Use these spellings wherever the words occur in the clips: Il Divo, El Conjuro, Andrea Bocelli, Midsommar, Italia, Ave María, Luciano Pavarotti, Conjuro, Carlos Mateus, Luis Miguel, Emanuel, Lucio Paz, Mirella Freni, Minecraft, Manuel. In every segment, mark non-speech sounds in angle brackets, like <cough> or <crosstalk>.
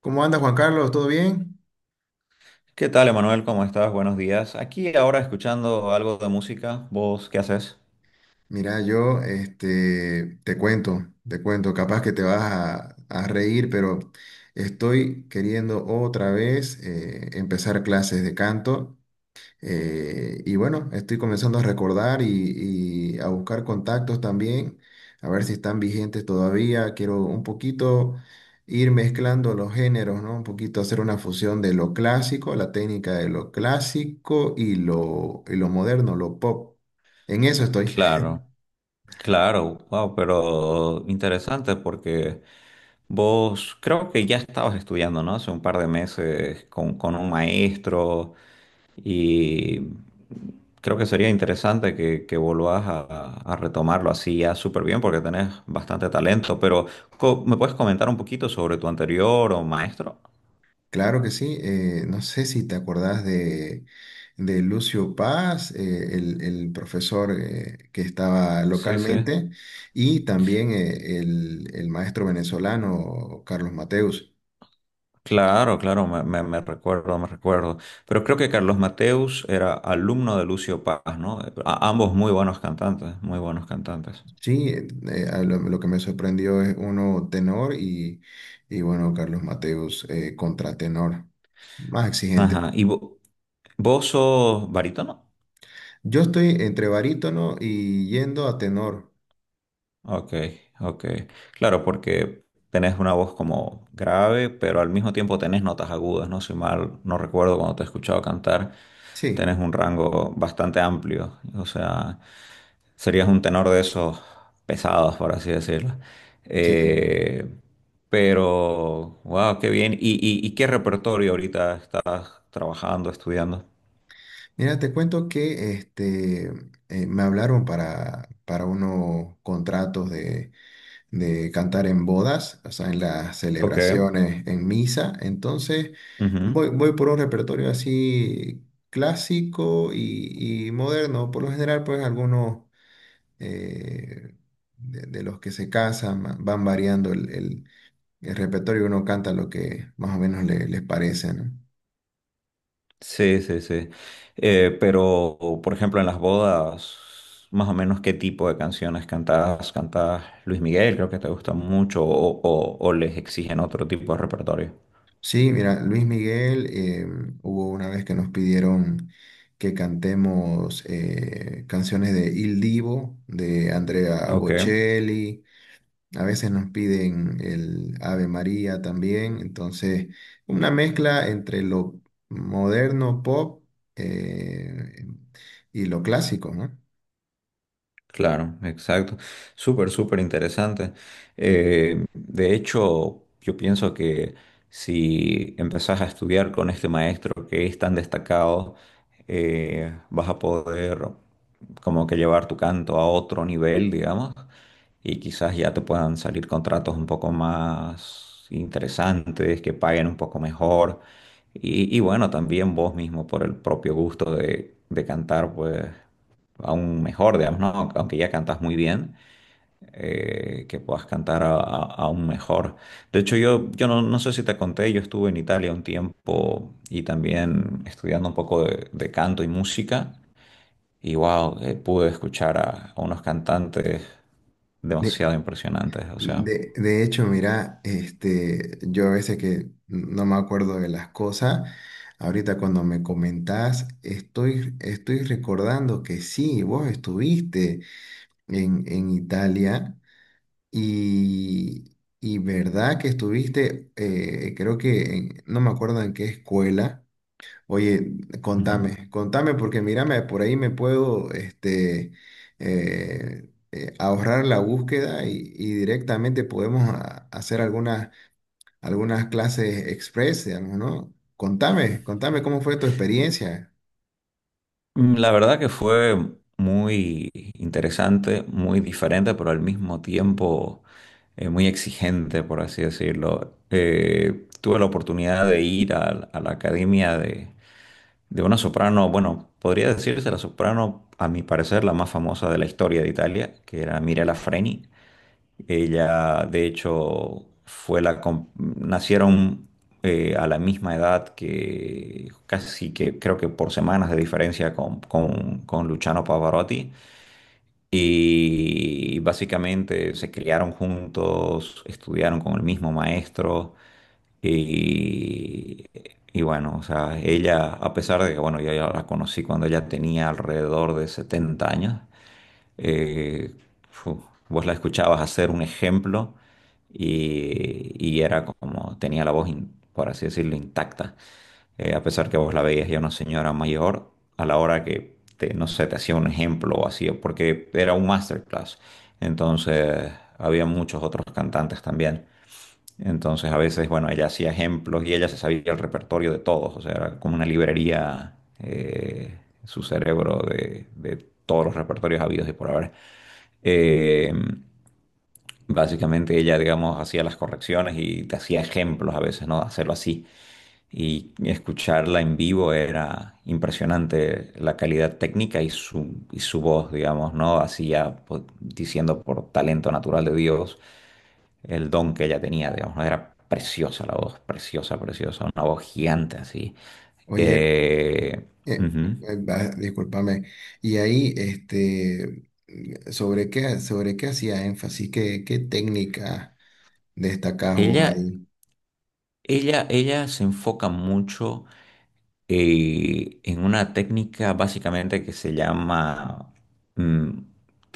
¿Cómo anda Juan Carlos? ¿Todo bien? ¿Qué tal, Emanuel? ¿Cómo estás? Buenos días. Aquí ahora escuchando algo de música. ¿Vos qué haces? Mira, yo este, te cuento, capaz que te vas a reír, pero estoy queriendo otra vez empezar clases de canto. Y bueno, estoy comenzando a recordar y a buscar contactos también, a ver si están vigentes todavía. Quiero un poquito ir mezclando los géneros, ¿no? Un poquito hacer una fusión de lo clásico, la técnica de lo clásico y lo moderno, lo pop. En eso estoy. Claro, claro, wow, pero interesante porque vos creo que ya estabas estudiando, ¿no? Hace un par de meses con un maestro y creo que sería interesante que volvás a retomarlo así ya súper bien porque tenés bastante talento, pero ¿me puedes comentar un poquito sobre tu anterior o maestro? Claro que sí. No sé si te acordás de Lucio Paz, el profesor que estaba Sí, sí. localmente, y también el maestro venezolano Carlos Mateus. Claro, claro, me recuerdo, me recuerdo. Pero creo que Carlos Mateus era alumno de Lucio Paz, ¿no? Ambos muy buenos cantantes, muy buenos cantantes. Sí, a lo que me sorprendió es uno tenor y bueno, Carlos Mateus contratenor, más exigente. Ajá, ¿y vos sos barítono? Yo estoy entre barítono y yendo a tenor. Ok, ok. Claro, porque tenés una voz como grave, pero al mismo tiempo tenés notas agudas, ¿no? Si mal no recuerdo cuando te he escuchado cantar, Sí. tenés un rango bastante amplio. O sea, serías un tenor de esos pesados, por así decirlo. Sí, Eh, pero, wow, qué bien. ¿Y qué repertorio ahorita estás trabajando, estudiando? mira, te cuento que este, me hablaron para unos contratos de cantar en bodas, o sea, en las Ok. celebraciones, en misa. Entonces, Ujú. voy por un repertorio así clásico y moderno. Por lo general, pues algunos eh, de los que se casan van variando el repertorio. Uno canta lo que más o menos les parece, ¿no? Sí, sí, sí. Pero, por ejemplo, en las bodas, más o menos, ¿qué tipo de canciones cantabas? ¿Cantabas Luis Miguel? Creo que te gusta mucho, o, o les exigen otro tipo de repertorio. Sí, mira, Luis Miguel, hubo una vez que nos pidieron que cantemos canciones de Il Divo, de Andrea Ok. Bocelli, a veces nos piden el Ave María también, entonces una mezcla entre lo moderno pop, eh, y lo clásico, ¿no? Claro, exacto. Súper, súper interesante. De hecho, yo pienso que si empezás a estudiar con este maestro que es tan destacado, vas a poder como que llevar tu canto a otro nivel, digamos, y quizás ya te puedan salir contratos un poco más interesantes, que paguen un poco mejor. Y bueno, también vos mismo por el propio gusto de cantar, pues aún mejor, digamos, ¿no? Aunque ya cantas muy bien, que puedas cantar aún mejor. De hecho, yo no, no sé si te conté, yo estuve en Italia un tiempo y también estudiando un poco de canto y música. Y wow, pude escuchar a unos cantantes demasiado impresionantes, o sea. De hecho, mira, este, yo a veces que no me acuerdo de las cosas, ahorita cuando me comentás, estoy recordando que sí, vos estuviste en Italia y verdad que estuviste, creo que, no me acuerdo en qué escuela. Oye, Ujú. contame, porque mírame, por ahí me puedo este, ahorrar la búsqueda y directamente podemos hacer algunas clases express, digamos, ¿no? Contame cómo fue tu experiencia. La verdad que fue muy interesante, muy diferente, pero al mismo tiempo muy exigente, por así decirlo. Tuve la oportunidad de ir a la academia de una soprano, bueno, podría decirse la soprano, a mi parecer, la más famosa de la historia de Italia, que era Mirella Freni. Ella, de hecho, fue la nacieron a la misma edad que casi sí que creo que por semanas de diferencia con Luciano Pavarotti. Y básicamente se criaron juntos, estudiaron con el mismo maestro. Y, y bueno, o sea, ella, a pesar de que, bueno, yo ya la conocí cuando ella tenía alrededor de 70 años eh, fu, vos la escuchabas hacer un ejemplo y era como, tenía la voz, por así decirlo, intacta. A pesar que vos la veías ya una señora mayor, a la hora que, te, no sé, te hacía un ejemplo o así, porque era un masterclass. Entonces, había muchos otros cantantes también. Entonces, a veces, bueno, ella hacía ejemplos y ella se sabía el repertorio de todos, o sea, era como una librería, su cerebro de todos los repertorios habidos y por haber. Eh, Básicamente ella, digamos, hacía las correcciones y te hacía ejemplos a veces, ¿no? Hacerlo así. Y escucharla en vivo era impresionante la calidad técnica y su voz, digamos, ¿no? Hacía, pues, diciendo por talento natural de Dios el don que ella tenía, digamos, ¿no? Era preciosa la voz, preciosa, preciosa, una voz gigante así. Oye, Eh, eh, Ujú. Discúlpame. Y ahí, este, ¿sobre qué hacía énfasis? ¿Qué técnica destacás vos Ella, ahí? ella se enfoca mucho en una técnica básicamente que se llama mm,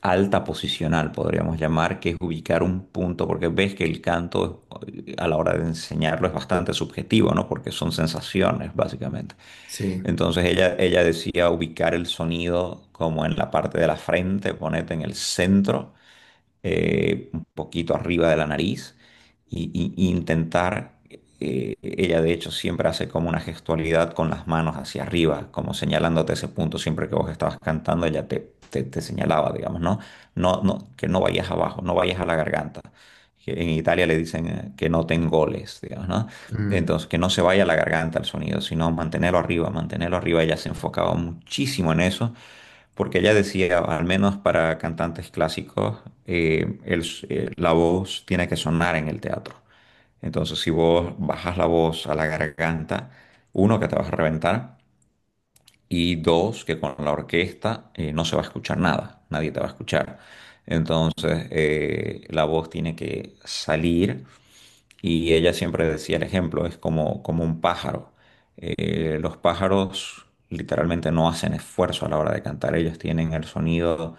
alta posicional, podríamos llamar, que es ubicar un punto, porque ves que el canto a la hora de enseñarlo es bastante subjetivo, ¿no? Porque son sensaciones, básicamente. Sí. Entonces ella decía ubicar el sonido como en la parte de la frente, ponete en el centro un poquito arriba de la nariz y intentar, ella de hecho siempre hace como una gestualidad con las manos hacia arriba, como señalándote ese punto, siempre que vos estabas cantando, ella te señalaba, digamos, ¿no? No, no, que no vayas abajo, no vayas a la garganta. Que en Italia le dicen que no goles, digamos, ¿no? Mm. Entonces, que no se vaya a la garganta el sonido, sino mantenerlo arriba, mantenerlo arriba. Ella se enfocaba muchísimo en eso porque ella decía, al menos para cantantes clásicos, la voz tiene que sonar en el teatro. Entonces, si vos bajas la voz a la garganta, uno, que te vas a reventar, y dos, que con la orquesta no se va a escuchar nada, nadie te va a escuchar. Entonces, la voz tiene que salir y ella siempre decía, el ejemplo es como un pájaro. Los pájaros literalmente no hacen esfuerzo a la hora de cantar. Ellos tienen el sonido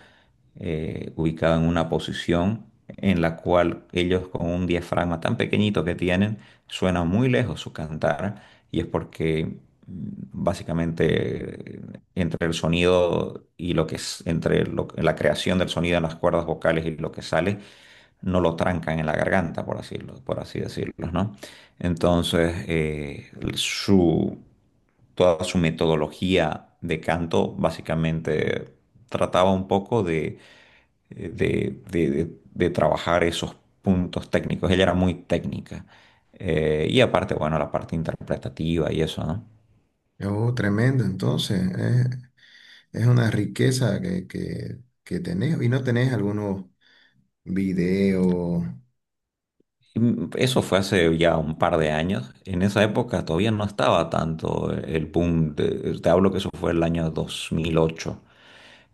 ubicado en una posición en la cual ellos con un diafragma tan pequeñito que tienen, suena muy lejos su cantar. Y es porque mm, básicamente entre el sonido y lo que es, entre la creación del sonido en las cuerdas vocales y lo que sale, no lo trancan en la garganta, por así decirlo, ¿no? Entonces, toda su metodología de canto básicamente trataba un poco de trabajar esos puntos técnicos. Ella era muy técnica. Y aparte, bueno, la parte interpretativa y eso, ¿no? Oh, tremendo, entonces. Es una riqueza que tenés y no tenés algunos videos. Eso fue hace ya un par de años. En esa época todavía no estaba tanto el boom. Te hablo que eso fue el año 2008.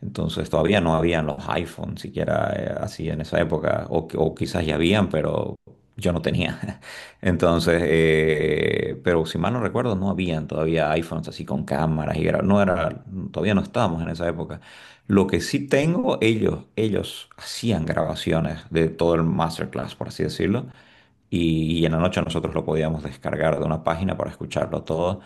Entonces todavía no habían los iPhones siquiera así en esa época, o quizás ya habían, pero yo no tenía. <laughs> Entonces, pero si mal no recuerdo, no habían todavía iPhones así con cámaras y no era, todavía no estábamos en esa época. Lo que sí tengo, ellos hacían grabaciones de todo el masterclass, por así decirlo, y en la noche nosotros lo podíamos descargar de una página para escucharlo todo.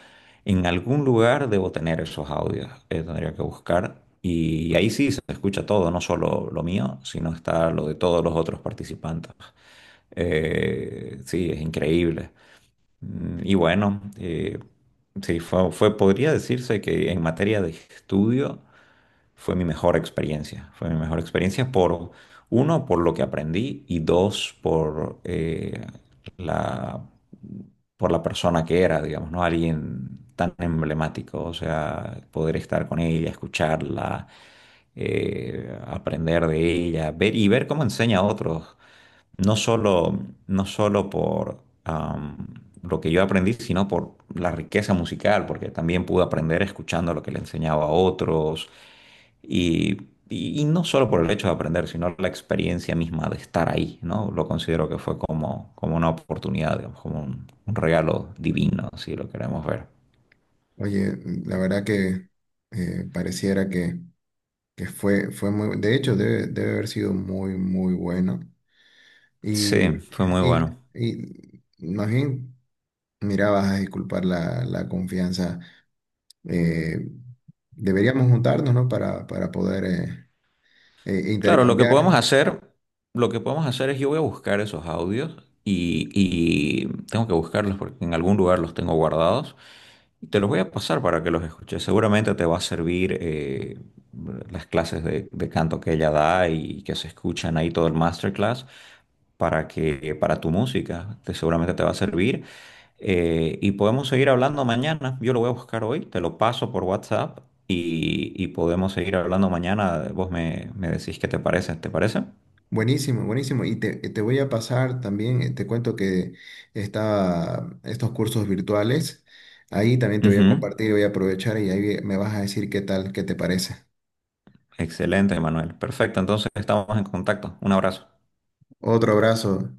En algún lugar debo tener esos audios, tendría que buscar. Y ahí sí se escucha todo, no solo lo mío, sino está lo de todos los otros participantes. Sí, es increíble. Y bueno, sí, podría decirse que en materia de estudio fue mi mejor experiencia. Fue mi mejor experiencia por, uno, por lo que aprendí y dos, por la, por la persona que era, digamos, ¿no? Alguien tan emblemático, o sea, poder estar con ella, escucharla, aprender de ella, ver y ver cómo enseña a otros no solo, no solo por lo que yo aprendí, sino por la riqueza musical, porque también pude aprender escuchando lo que le enseñaba a otros y, y no solo por el hecho de aprender, sino la experiencia misma de estar ahí, ¿no? Lo considero que fue como, una oportunidad, digamos, como un regalo divino, si lo queremos ver. Oye, la verdad que pareciera que fue, fue muy, de hecho debe haber sido muy, muy bueno. Sí, Y, fue muy y, bueno. y más bien, mira, vas a disculpar la confianza. Eh, Deberíamos juntarnos, ¿no? Para poder Claro, lo que podemos intercambiar. hacer, lo que podemos hacer es yo voy a buscar esos audios y tengo que buscarlos porque en algún lugar los tengo guardados y te los voy a pasar para que los escuches. Seguramente te va a servir las clases de canto que ella da y que se escuchan ahí todo el masterclass para que para tu música te, seguramente te va a servir. Y podemos seguir hablando mañana. Yo lo voy a buscar hoy, te lo paso por WhatsApp y podemos seguir hablando mañana. Vos me decís qué te parece, ¿te parece? Buenísimo, buenísimo. Y te, te voy a pasar también, te cuento que está estos cursos virtuales. Ahí también te voy a Ujú. compartir, voy a aprovechar y ahí me vas a decir qué tal, qué te parece. Excelente, Manuel. Perfecto, entonces estamos en contacto. Un abrazo. Otro abrazo.